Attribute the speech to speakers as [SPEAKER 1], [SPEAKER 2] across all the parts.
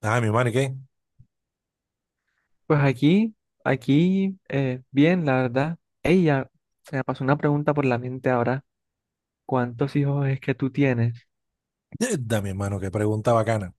[SPEAKER 1] Ah, mi hermano, ¿y qué?
[SPEAKER 2] Pues aquí, bien, la verdad. Ella, se me pasó una pregunta por la mente ahora. ¿Cuántos hijos es que tú tienes?
[SPEAKER 1] Da, mi hermano, qué pregunta bacana.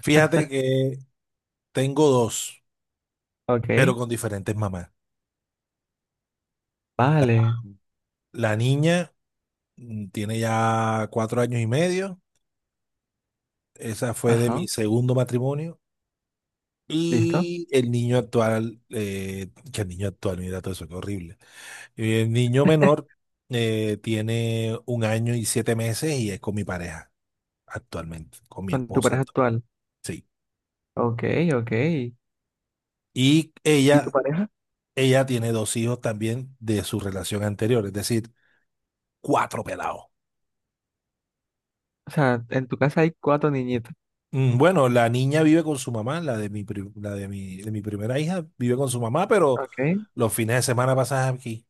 [SPEAKER 1] Fíjate que tengo dos, pero
[SPEAKER 2] Ok,
[SPEAKER 1] con diferentes mamás. La,
[SPEAKER 2] vale,
[SPEAKER 1] la niña tiene ya 4 años y medio. Esa fue de mi
[SPEAKER 2] ajá,
[SPEAKER 1] segundo matrimonio.
[SPEAKER 2] listo.
[SPEAKER 1] Y el niño actual, que el niño actual, mira todo eso, qué horrible. Y el niño menor tiene 1 año y 7 meses y es con mi pareja actualmente, con mi
[SPEAKER 2] Con tu
[SPEAKER 1] esposa.
[SPEAKER 2] pareja actual.
[SPEAKER 1] Sí.
[SPEAKER 2] Ok, ok.
[SPEAKER 1] Y
[SPEAKER 2] ¿Y tu
[SPEAKER 1] ella
[SPEAKER 2] pareja?
[SPEAKER 1] Ella tiene dos hijos también de su relación anterior, es decir, cuatro pelados.
[SPEAKER 2] O sea, en tu casa hay cuatro niñitos.
[SPEAKER 1] Bueno, la niña vive con su mamá, la de mi, pri- la de mi primera hija vive con su mamá, pero
[SPEAKER 2] Ok,
[SPEAKER 1] los fines de semana pasas aquí.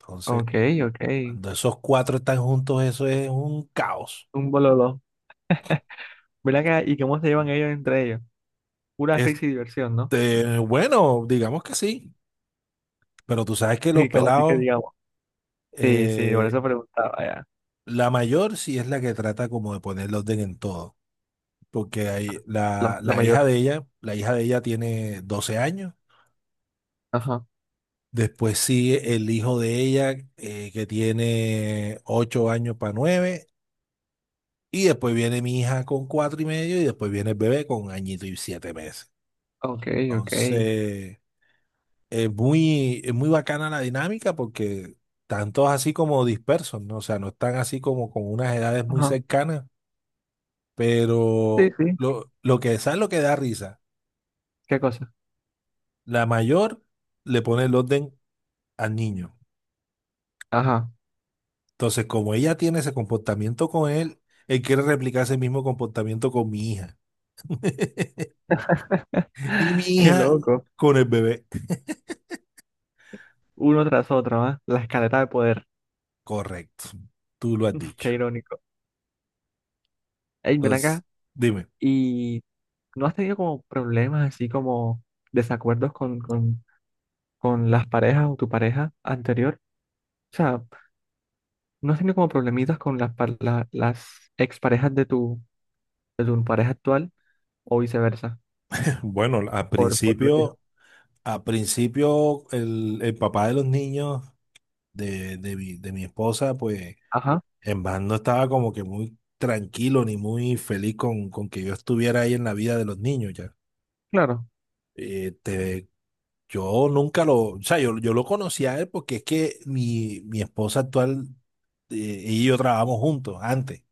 [SPEAKER 1] Entonces,
[SPEAKER 2] ok, ok.
[SPEAKER 1] cuando esos cuatro están juntos, eso es un caos.
[SPEAKER 2] Un bololo. Ven acá, ¿y cómo se llevan ellos entre ellos? Pura
[SPEAKER 1] Este,
[SPEAKER 2] risa y diversión, ¿no?
[SPEAKER 1] bueno, digamos que sí, pero tú sabes que los
[SPEAKER 2] Y como así que
[SPEAKER 1] pelados,
[SPEAKER 2] digamos. Sí, sí, por
[SPEAKER 1] eh,
[SPEAKER 2] eso preguntaba ya.
[SPEAKER 1] la mayor sí es la que trata como de poner el orden en todo, porque hay,
[SPEAKER 2] La,
[SPEAKER 1] la,
[SPEAKER 2] la
[SPEAKER 1] la hija
[SPEAKER 2] mayor.
[SPEAKER 1] de ella, la hija de ella tiene 12 años.
[SPEAKER 2] Ajá,
[SPEAKER 1] Después sigue el hijo de ella, que tiene 8 años para nueve. Y después viene mi hija con cuatro y medio. Y después viene el bebé con añito y 7 meses.
[SPEAKER 2] ok, ok.
[SPEAKER 1] Entonces, es muy bacana la dinámica porque están todos así como dispersos, ¿no? O sea, no están así como con unas edades muy
[SPEAKER 2] Ajá.
[SPEAKER 1] cercanas.
[SPEAKER 2] Sí,
[SPEAKER 1] Pero
[SPEAKER 2] sí.
[SPEAKER 1] lo que es lo que da risa.
[SPEAKER 2] ¿Qué cosa?
[SPEAKER 1] La mayor le pone el orden al niño.
[SPEAKER 2] Ajá.
[SPEAKER 1] Entonces, como ella tiene ese comportamiento con él, él quiere replicar ese mismo comportamiento con mi hija. Y mi
[SPEAKER 2] Qué
[SPEAKER 1] hija
[SPEAKER 2] loco.
[SPEAKER 1] con el bebé.
[SPEAKER 2] Uno tras otro, ¿ah? La escalera de poder.
[SPEAKER 1] Correcto. Tú lo has
[SPEAKER 2] Qué
[SPEAKER 1] dicho.
[SPEAKER 2] irónico. Ey, ven
[SPEAKER 1] Entonces,
[SPEAKER 2] acá.
[SPEAKER 1] dime.
[SPEAKER 2] ¿Y no has tenido como problemas así como desacuerdos con las parejas o tu pareja anterior? O sea, ¿no has tenido como problemitas con las, las exparejas de tu pareja actual o viceversa?
[SPEAKER 1] Bueno, al
[SPEAKER 2] Por los hijos.
[SPEAKER 1] principio, al principio el papá de los niños de mi esposa, pues
[SPEAKER 2] Ajá,
[SPEAKER 1] en verdad no estaba como que muy tranquilo ni muy feliz con que yo estuviera ahí en la vida de los niños ya.
[SPEAKER 2] claro.
[SPEAKER 1] Este, yo nunca lo, o sea, yo lo conocí a él porque es que mi esposa actual, eh, ella y yo trabajamos juntos antes.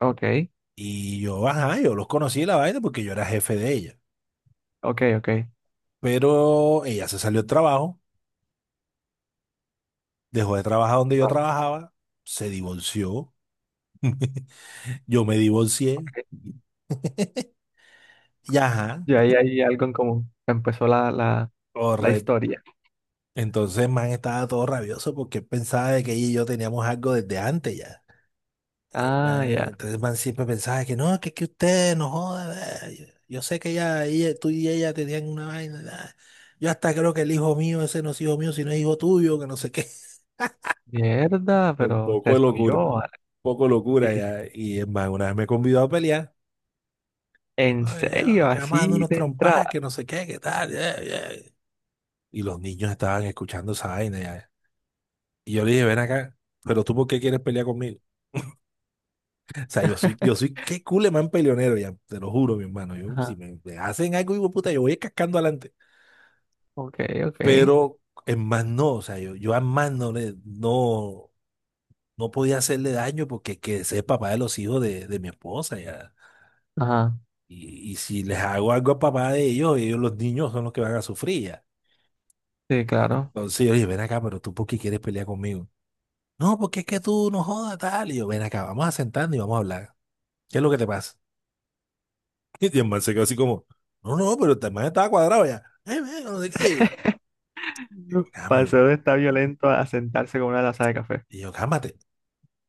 [SPEAKER 2] Ok,
[SPEAKER 1] Y yo, ajá, yo los conocí la vaina porque yo era jefe de ella.
[SPEAKER 2] ok, ok.
[SPEAKER 1] Pero ella se salió del trabajo, dejó de trabajar donde yo
[SPEAKER 2] Vale.
[SPEAKER 1] trabajaba, se divorció, yo me divorcié,
[SPEAKER 2] Ok.
[SPEAKER 1] y ajá,
[SPEAKER 2] Y ahí hay algo en común. Empezó la
[SPEAKER 1] correcto.
[SPEAKER 2] historia.
[SPEAKER 1] Entonces, man, estaba todo rabioso porque él pensaba de que ella y yo teníamos algo desde antes ya.
[SPEAKER 2] Ah, ya.
[SPEAKER 1] Entonces el man siempre pensaba que no, que usted no joda. Yo sé que ella, tú y ella tenían una vaina. Nah. Yo hasta creo que el hijo mío, ese no es hijo mío, sino es hijo tuyo, que no sé qué.
[SPEAKER 2] Mierda,
[SPEAKER 1] Un
[SPEAKER 2] pero
[SPEAKER 1] poco
[SPEAKER 2] se
[SPEAKER 1] de
[SPEAKER 2] soy
[SPEAKER 1] locura,
[SPEAKER 2] yo.
[SPEAKER 1] un poco de locura
[SPEAKER 2] Así.
[SPEAKER 1] ya. Y es más, una vez me convidó a pelear.
[SPEAKER 2] ¿En
[SPEAKER 1] Ay,
[SPEAKER 2] serio?
[SPEAKER 1] que vamos dando
[SPEAKER 2] Así
[SPEAKER 1] unos
[SPEAKER 2] de
[SPEAKER 1] trompadas,
[SPEAKER 2] entrada.
[SPEAKER 1] que no sé qué, que tal. Y los niños estaban escuchando esa vaina ya. Y yo le dije, ven acá, pero tú ¿por qué quieres pelear conmigo? O sea, yo soy, qué culemán peleonero, ya, te lo juro, mi hermano. Yo, si
[SPEAKER 2] Ajá.
[SPEAKER 1] me hacen algo, hijo de puta, yo voy cascando adelante.
[SPEAKER 2] Ok, ok.
[SPEAKER 1] Pero en más no, o sea, yo a más no le, no, no podía hacerle daño porque que ese es papá de los hijos de mi esposa, ya.
[SPEAKER 2] Ajá.
[SPEAKER 1] Y si les hago algo a papá de ellos, ellos, los niños son los que van a sufrir, ya.
[SPEAKER 2] Sí, claro.
[SPEAKER 1] Entonces oye ven acá, pero tú, ¿por qué quieres pelear conmigo? No, porque es que tú no jodas, tal. Y yo, ven acá, vamos a sentarnos y vamos a hablar. ¿Qué es lo que te pasa? Y el man se quedó así como, no, no, pero el man estaba cuadrado ya. Man, no sé qué. Yo, "Cami".
[SPEAKER 2] Pasó de estar violento a sentarse con una taza de café.
[SPEAKER 1] Y yo, cálmate,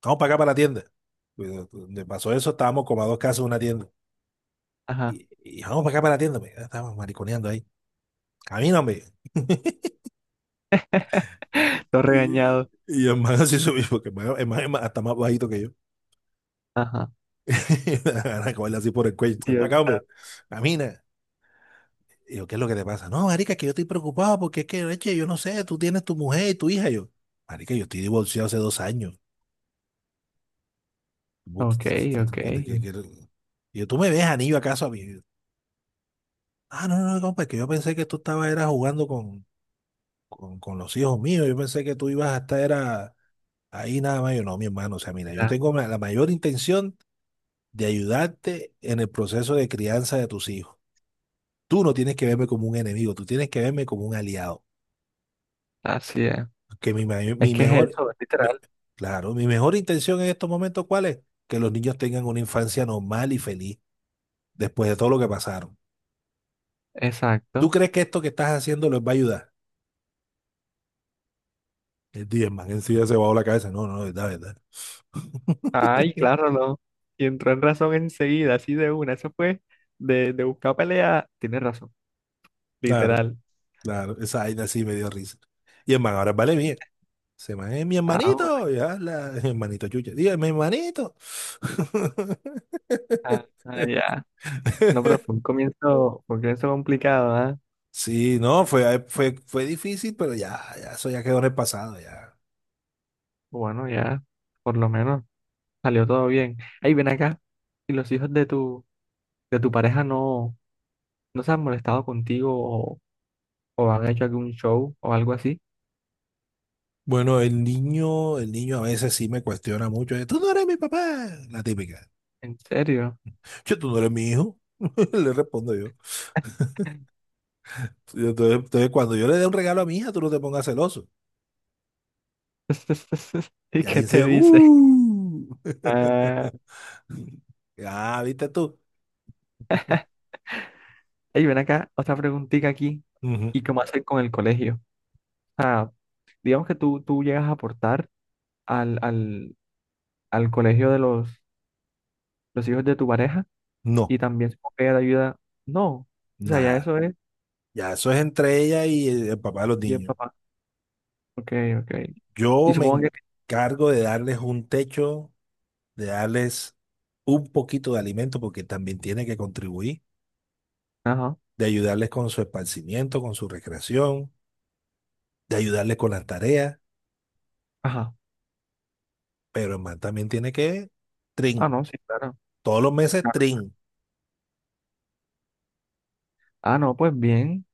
[SPEAKER 1] vamos para acá para la tienda. Pues, donde pasó eso, estábamos como a dos casas de una tienda.
[SPEAKER 2] Ajá.
[SPEAKER 1] Y vamos para acá para la tienda, me. Estábamos mariconeando ahí. Camíname.
[SPEAKER 2] Todo
[SPEAKER 1] Y,
[SPEAKER 2] regañado.
[SPEAKER 1] y el man así subió, porque el man es hasta más bajito que yo.
[SPEAKER 2] Ajá.
[SPEAKER 1] Ana, cogerle así por el cuello. Ven para
[SPEAKER 2] Dios
[SPEAKER 1] acá, hombre.
[SPEAKER 2] santo.
[SPEAKER 1] Camina. Y yo, ¿qué es lo que te pasa? No, marica, que yo estoy preocupado porque es que, leche, yo no sé, tú tienes tu mujer y tu hija. Y yo, marica, yo estoy divorciado hace 2 años. Vos
[SPEAKER 2] Ok, ok.
[SPEAKER 1] que- Yo, ¿tú me ves anillo acaso a mí? Ah, no, no, no, compa, es que yo pensé que tú estabas era jugando con los hijos míos. Yo pensé que tú ibas a estar era ahí nada más. Yo, no, mi hermano, o sea, mira, yo
[SPEAKER 2] Ya,
[SPEAKER 1] tengo la mayor intención de ayudarte en el proceso de crianza de tus hijos. Tú no tienes que verme como un enemigo, tú tienes que verme como un aliado.
[SPEAKER 2] así es.
[SPEAKER 1] Que mi, mayor-
[SPEAKER 2] Es
[SPEAKER 1] mi
[SPEAKER 2] que es
[SPEAKER 1] mejor,
[SPEAKER 2] eso, es
[SPEAKER 1] mi-
[SPEAKER 2] literal.
[SPEAKER 1] claro, mi mejor intención en estos momentos, ¿cuál es? Que los niños tengan una infancia normal y feliz después de todo lo que pasaron. ¿Tú
[SPEAKER 2] Exacto.
[SPEAKER 1] crees que esto que estás haciendo les va a ayudar? El Diezman en sí ya se bajó la cabeza. No, no, verdad, verdad.
[SPEAKER 2] Ay, claro, no. Y entró en razón enseguida, así de una. Eso fue de buscar pelea. Tienes razón.
[SPEAKER 1] Claro,
[SPEAKER 2] Literal.
[SPEAKER 1] claro, esa vaina sí me dio risa. Y el man ahora vale bien. Se man es mi
[SPEAKER 2] Ah,
[SPEAKER 1] hermanito, ya, la, hermanito chucha. Diga, mi hermanito.
[SPEAKER 2] Ya. No, pero fue un comienzo complicado, ¿ah?
[SPEAKER 1] Sí, no, fue, fue, fue difícil, pero ya, ya, eso ya quedó en el pasado, ya.
[SPEAKER 2] Bueno, ya, por lo menos salió todo bien. Ahí ven acá, ¿y los hijos de tu pareja no, no se han molestado contigo o han hecho algún show o algo así?
[SPEAKER 1] Bueno, el niño a veces sí me cuestiona mucho. Tú no eres mi papá, la típica.
[SPEAKER 2] ¿En serio?
[SPEAKER 1] Yo, tú no eres mi hijo, le respondo. Y cuando yo le dé un regalo a mi hija, tú no te pongas celoso.
[SPEAKER 2] ¿Y
[SPEAKER 1] Y ahí
[SPEAKER 2] qué
[SPEAKER 1] sí,
[SPEAKER 2] te dice?
[SPEAKER 1] ¡uh!
[SPEAKER 2] Ah,
[SPEAKER 1] Ah, ¿viste tú?
[SPEAKER 2] ey, ven acá, otra preguntita aquí.
[SPEAKER 1] Ujú.
[SPEAKER 2] ¿Y cómo hacer con el colegio? Ah, digamos que tú llegas a aportar al, al, al colegio de los hijos de tu pareja.
[SPEAKER 1] No,
[SPEAKER 2] Y también supongo que ella te ayuda. No, o sea, ya
[SPEAKER 1] nada.
[SPEAKER 2] eso es,
[SPEAKER 1] Ya eso es entre ella y el papá de los
[SPEAKER 2] y el
[SPEAKER 1] niños.
[SPEAKER 2] papá. Ok, ok. Y
[SPEAKER 1] Yo me
[SPEAKER 2] supongo que,
[SPEAKER 1] encargo de darles un techo, de darles un poquito de alimento, porque también tiene que contribuir,
[SPEAKER 2] ajá,
[SPEAKER 1] de ayudarles con su esparcimiento, con su recreación, de ayudarles con las tareas,
[SPEAKER 2] ajá.
[SPEAKER 1] pero el man también tiene que,
[SPEAKER 2] Ah,
[SPEAKER 1] trin,
[SPEAKER 2] no, sí, claro.
[SPEAKER 1] todos los meses,
[SPEAKER 2] Claro.
[SPEAKER 1] trin.
[SPEAKER 2] Ah, no, pues bien.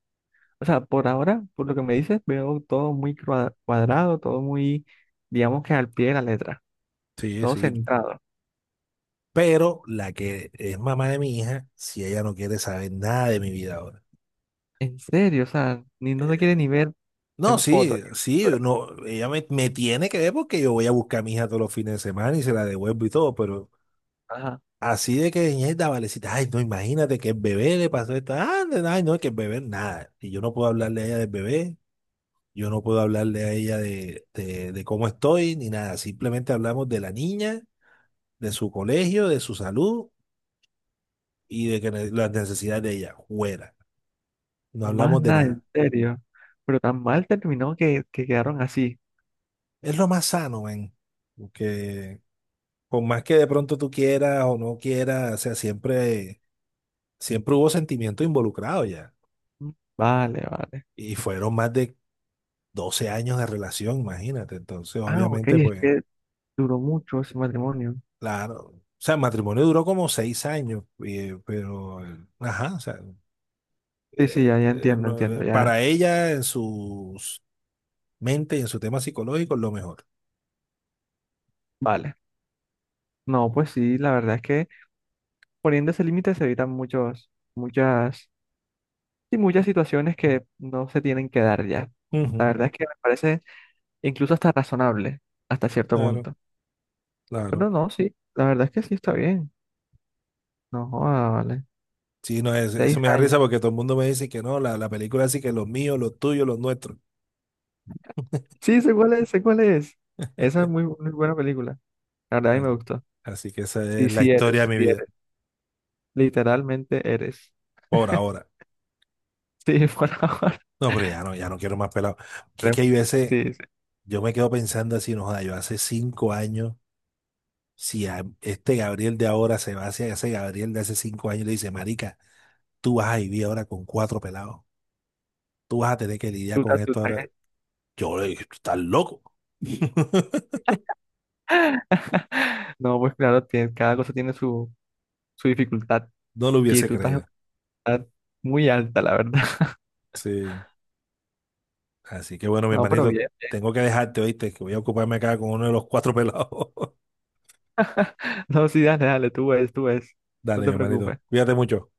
[SPEAKER 2] O sea, por ahora, por lo que me dices, veo todo muy cuadrado, todo muy, digamos que al pie de la letra,
[SPEAKER 1] Sí,
[SPEAKER 2] todo
[SPEAKER 1] sí.
[SPEAKER 2] centrado.
[SPEAKER 1] Pero la que es mamá de mi hija, si ella no quiere saber nada de mi vida ahora.
[SPEAKER 2] En serio, o sea, ni no te quiere ni ver
[SPEAKER 1] No,
[SPEAKER 2] en
[SPEAKER 1] sí,
[SPEAKER 2] fotos.
[SPEAKER 1] sí, no, ella me tiene que ver porque yo voy a buscar a mi hija todos los fines de semana y se la devuelvo y todo, pero
[SPEAKER 2] Ajá,
[SPEAKER 1] así de que ñeta, valecita, ay, no, imagínate que el bebé le pasó esto, ah, ay, no, que el bebé nada. Y yo no puedo hablarle a ella del bebé, yo no puedo hablarle a ella de cómo estoy, ni nada, simplemente hablamos de la niña, de su colegio, de su salud y de que las necesidades de ella, fuera, no
[SPEAKER 2] y más
[SPEAKER 1] hablamos de
[SPEAKER 2] nada, en
[SPEAKER 1] nada.
[SPEAKER 2] serio. Pero tan mal terminó que quedaron así.
[SPEAKER 1] Es lo más sano, ven. Porque por más que de pronto tú quieras o no quieras, o sea, siempre, siempre hubo sentimiento involucrado ya.
[SPEAKER 2] Mm, vale, vale.
[SPEAKER 1] Y fueron más de 12 años de relación, imagínate. Entonces,
[SPEAKER 2] Ah, ok,
[SPEAKER 1] obviamente,
[SPEAKER 2] es
[SPEAKER 1] pues,
[SPEAKER 2] que duró mucho ese matrimonio.
[SPEAKER 1] claro. O sea, el matrimonio duró como 6 años, pero, ajá, o sea,
[SPEAKER 2] Sí, sí, ya, ya entiendo,
[SPEAKER 1] no,
[SPEAKER 2] entiendo, ya.
[SPEAKER 1] para ella, en su mente y en su tema psicológico, es lo mejor.
[SPEAKER 2] Vale. No, pues sí, la verdad es que poniendo ese límite se evitan muchos, muchas, y muchas situaciones que no se tienen que dar ya. La
[SPEAKER 1] Ujú.
[SPEAKER 2] verdad es que me parece incluso hasta razonable, hasta cierto
[SPEAKER 1] Claro,
[SPEAKER 2] punto.
[SPEAKER 1] claro.
[SPEAKER 2] Pero no, sí, la verdad es que sí está bien. No, joda, vale.
[SPEAKER 1] Sí, no,
[SPEAKER 2] Seis
[SPEAKER 1] eso me da
[SPEAKER 2] años.
[SPEAKER 1] risa porque todo el mundo me dice que no, la película así que los míos, los tuyos, los nuestros.
[SPEAKER 2] Sí, sé cuál es, sé cuál es. Esa es muy, muy buena película. La verdad a mí
[SPEAKER 1] Ah,
[SPEAKER 2] me gustó.
[SPEAKER 1] así que esa es
[SPEAKER 2] Sí,
[SPEAKER 1] la
[SPEAKER 2] sí
[SPEAKER 1] historia
[SPEAKER 2] eres,
[SPEAKER 1] de mi
[SPEAKER 2] sí
[SPEAKER 1] vida,
[SPEAKER 2] eres. Literalmente eres.
[SPEAKER 1] por ahora.
[SPEAKER 2] Sí, por ahora.
[SPEAKER 1] No, pero ya no, ya no quiero más pelado. Que es que hay veces,
[SPEAKER 2] Sí, sí.
[SPEAKER 1] yo me quedo pensando así, no, joda, yo hace 5 años, si a este Gabriel de ahora se va hacia ese Gabriel de hace 5 años y le dice, marica, tú vas a vivir ahora con cuatro pelados, tú vas a tener que lidiar
[SPEAKER 2] Tú te
[SPEAKER 1] con esto
[SPEAKER 2] asustas,
[SPEAKER 1] ahora.
[SPEAKER 2] ¿eh?
[SPEAKER 1] Yo le dije, tú estás loco.
[SPEAKER 2] No, pues claro, tiene- cada cosa tiene su, su dificultad
[SPEAKER 1] No lo
[SPEAKER 2] y
[SPEAKER 1] hubiese
[SPEAKER 2] tú estás en
[SPEAKER 1] creído.
[SPEAKER 2] una edad muy alta, la verdad.
[SPEAKER 1] Sí. Así que bueno, mi
[SPEAKER 2] No, pero
[SPEAKER 1] hermanito,
[SPEAKER 2] bien.
[SPEAKER 1] tengo que dejarte, ¿oíste? Que voy a ocuparme acá con uno de los cuatro pelados.
[SPEAKER 2] No, sí, dale, dale, tú ves, tú ves. No
[SPEAKER 1] Dale, mi
[SPEAKER 2] te
[SPEAKER 1] hermanito.
[SPEAKER 2] preocupes.
[SPEAKER 1] Cuídate mucho.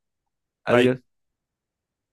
[SPEAKER 1] Bye.
[SPEAKER 2] Adiós.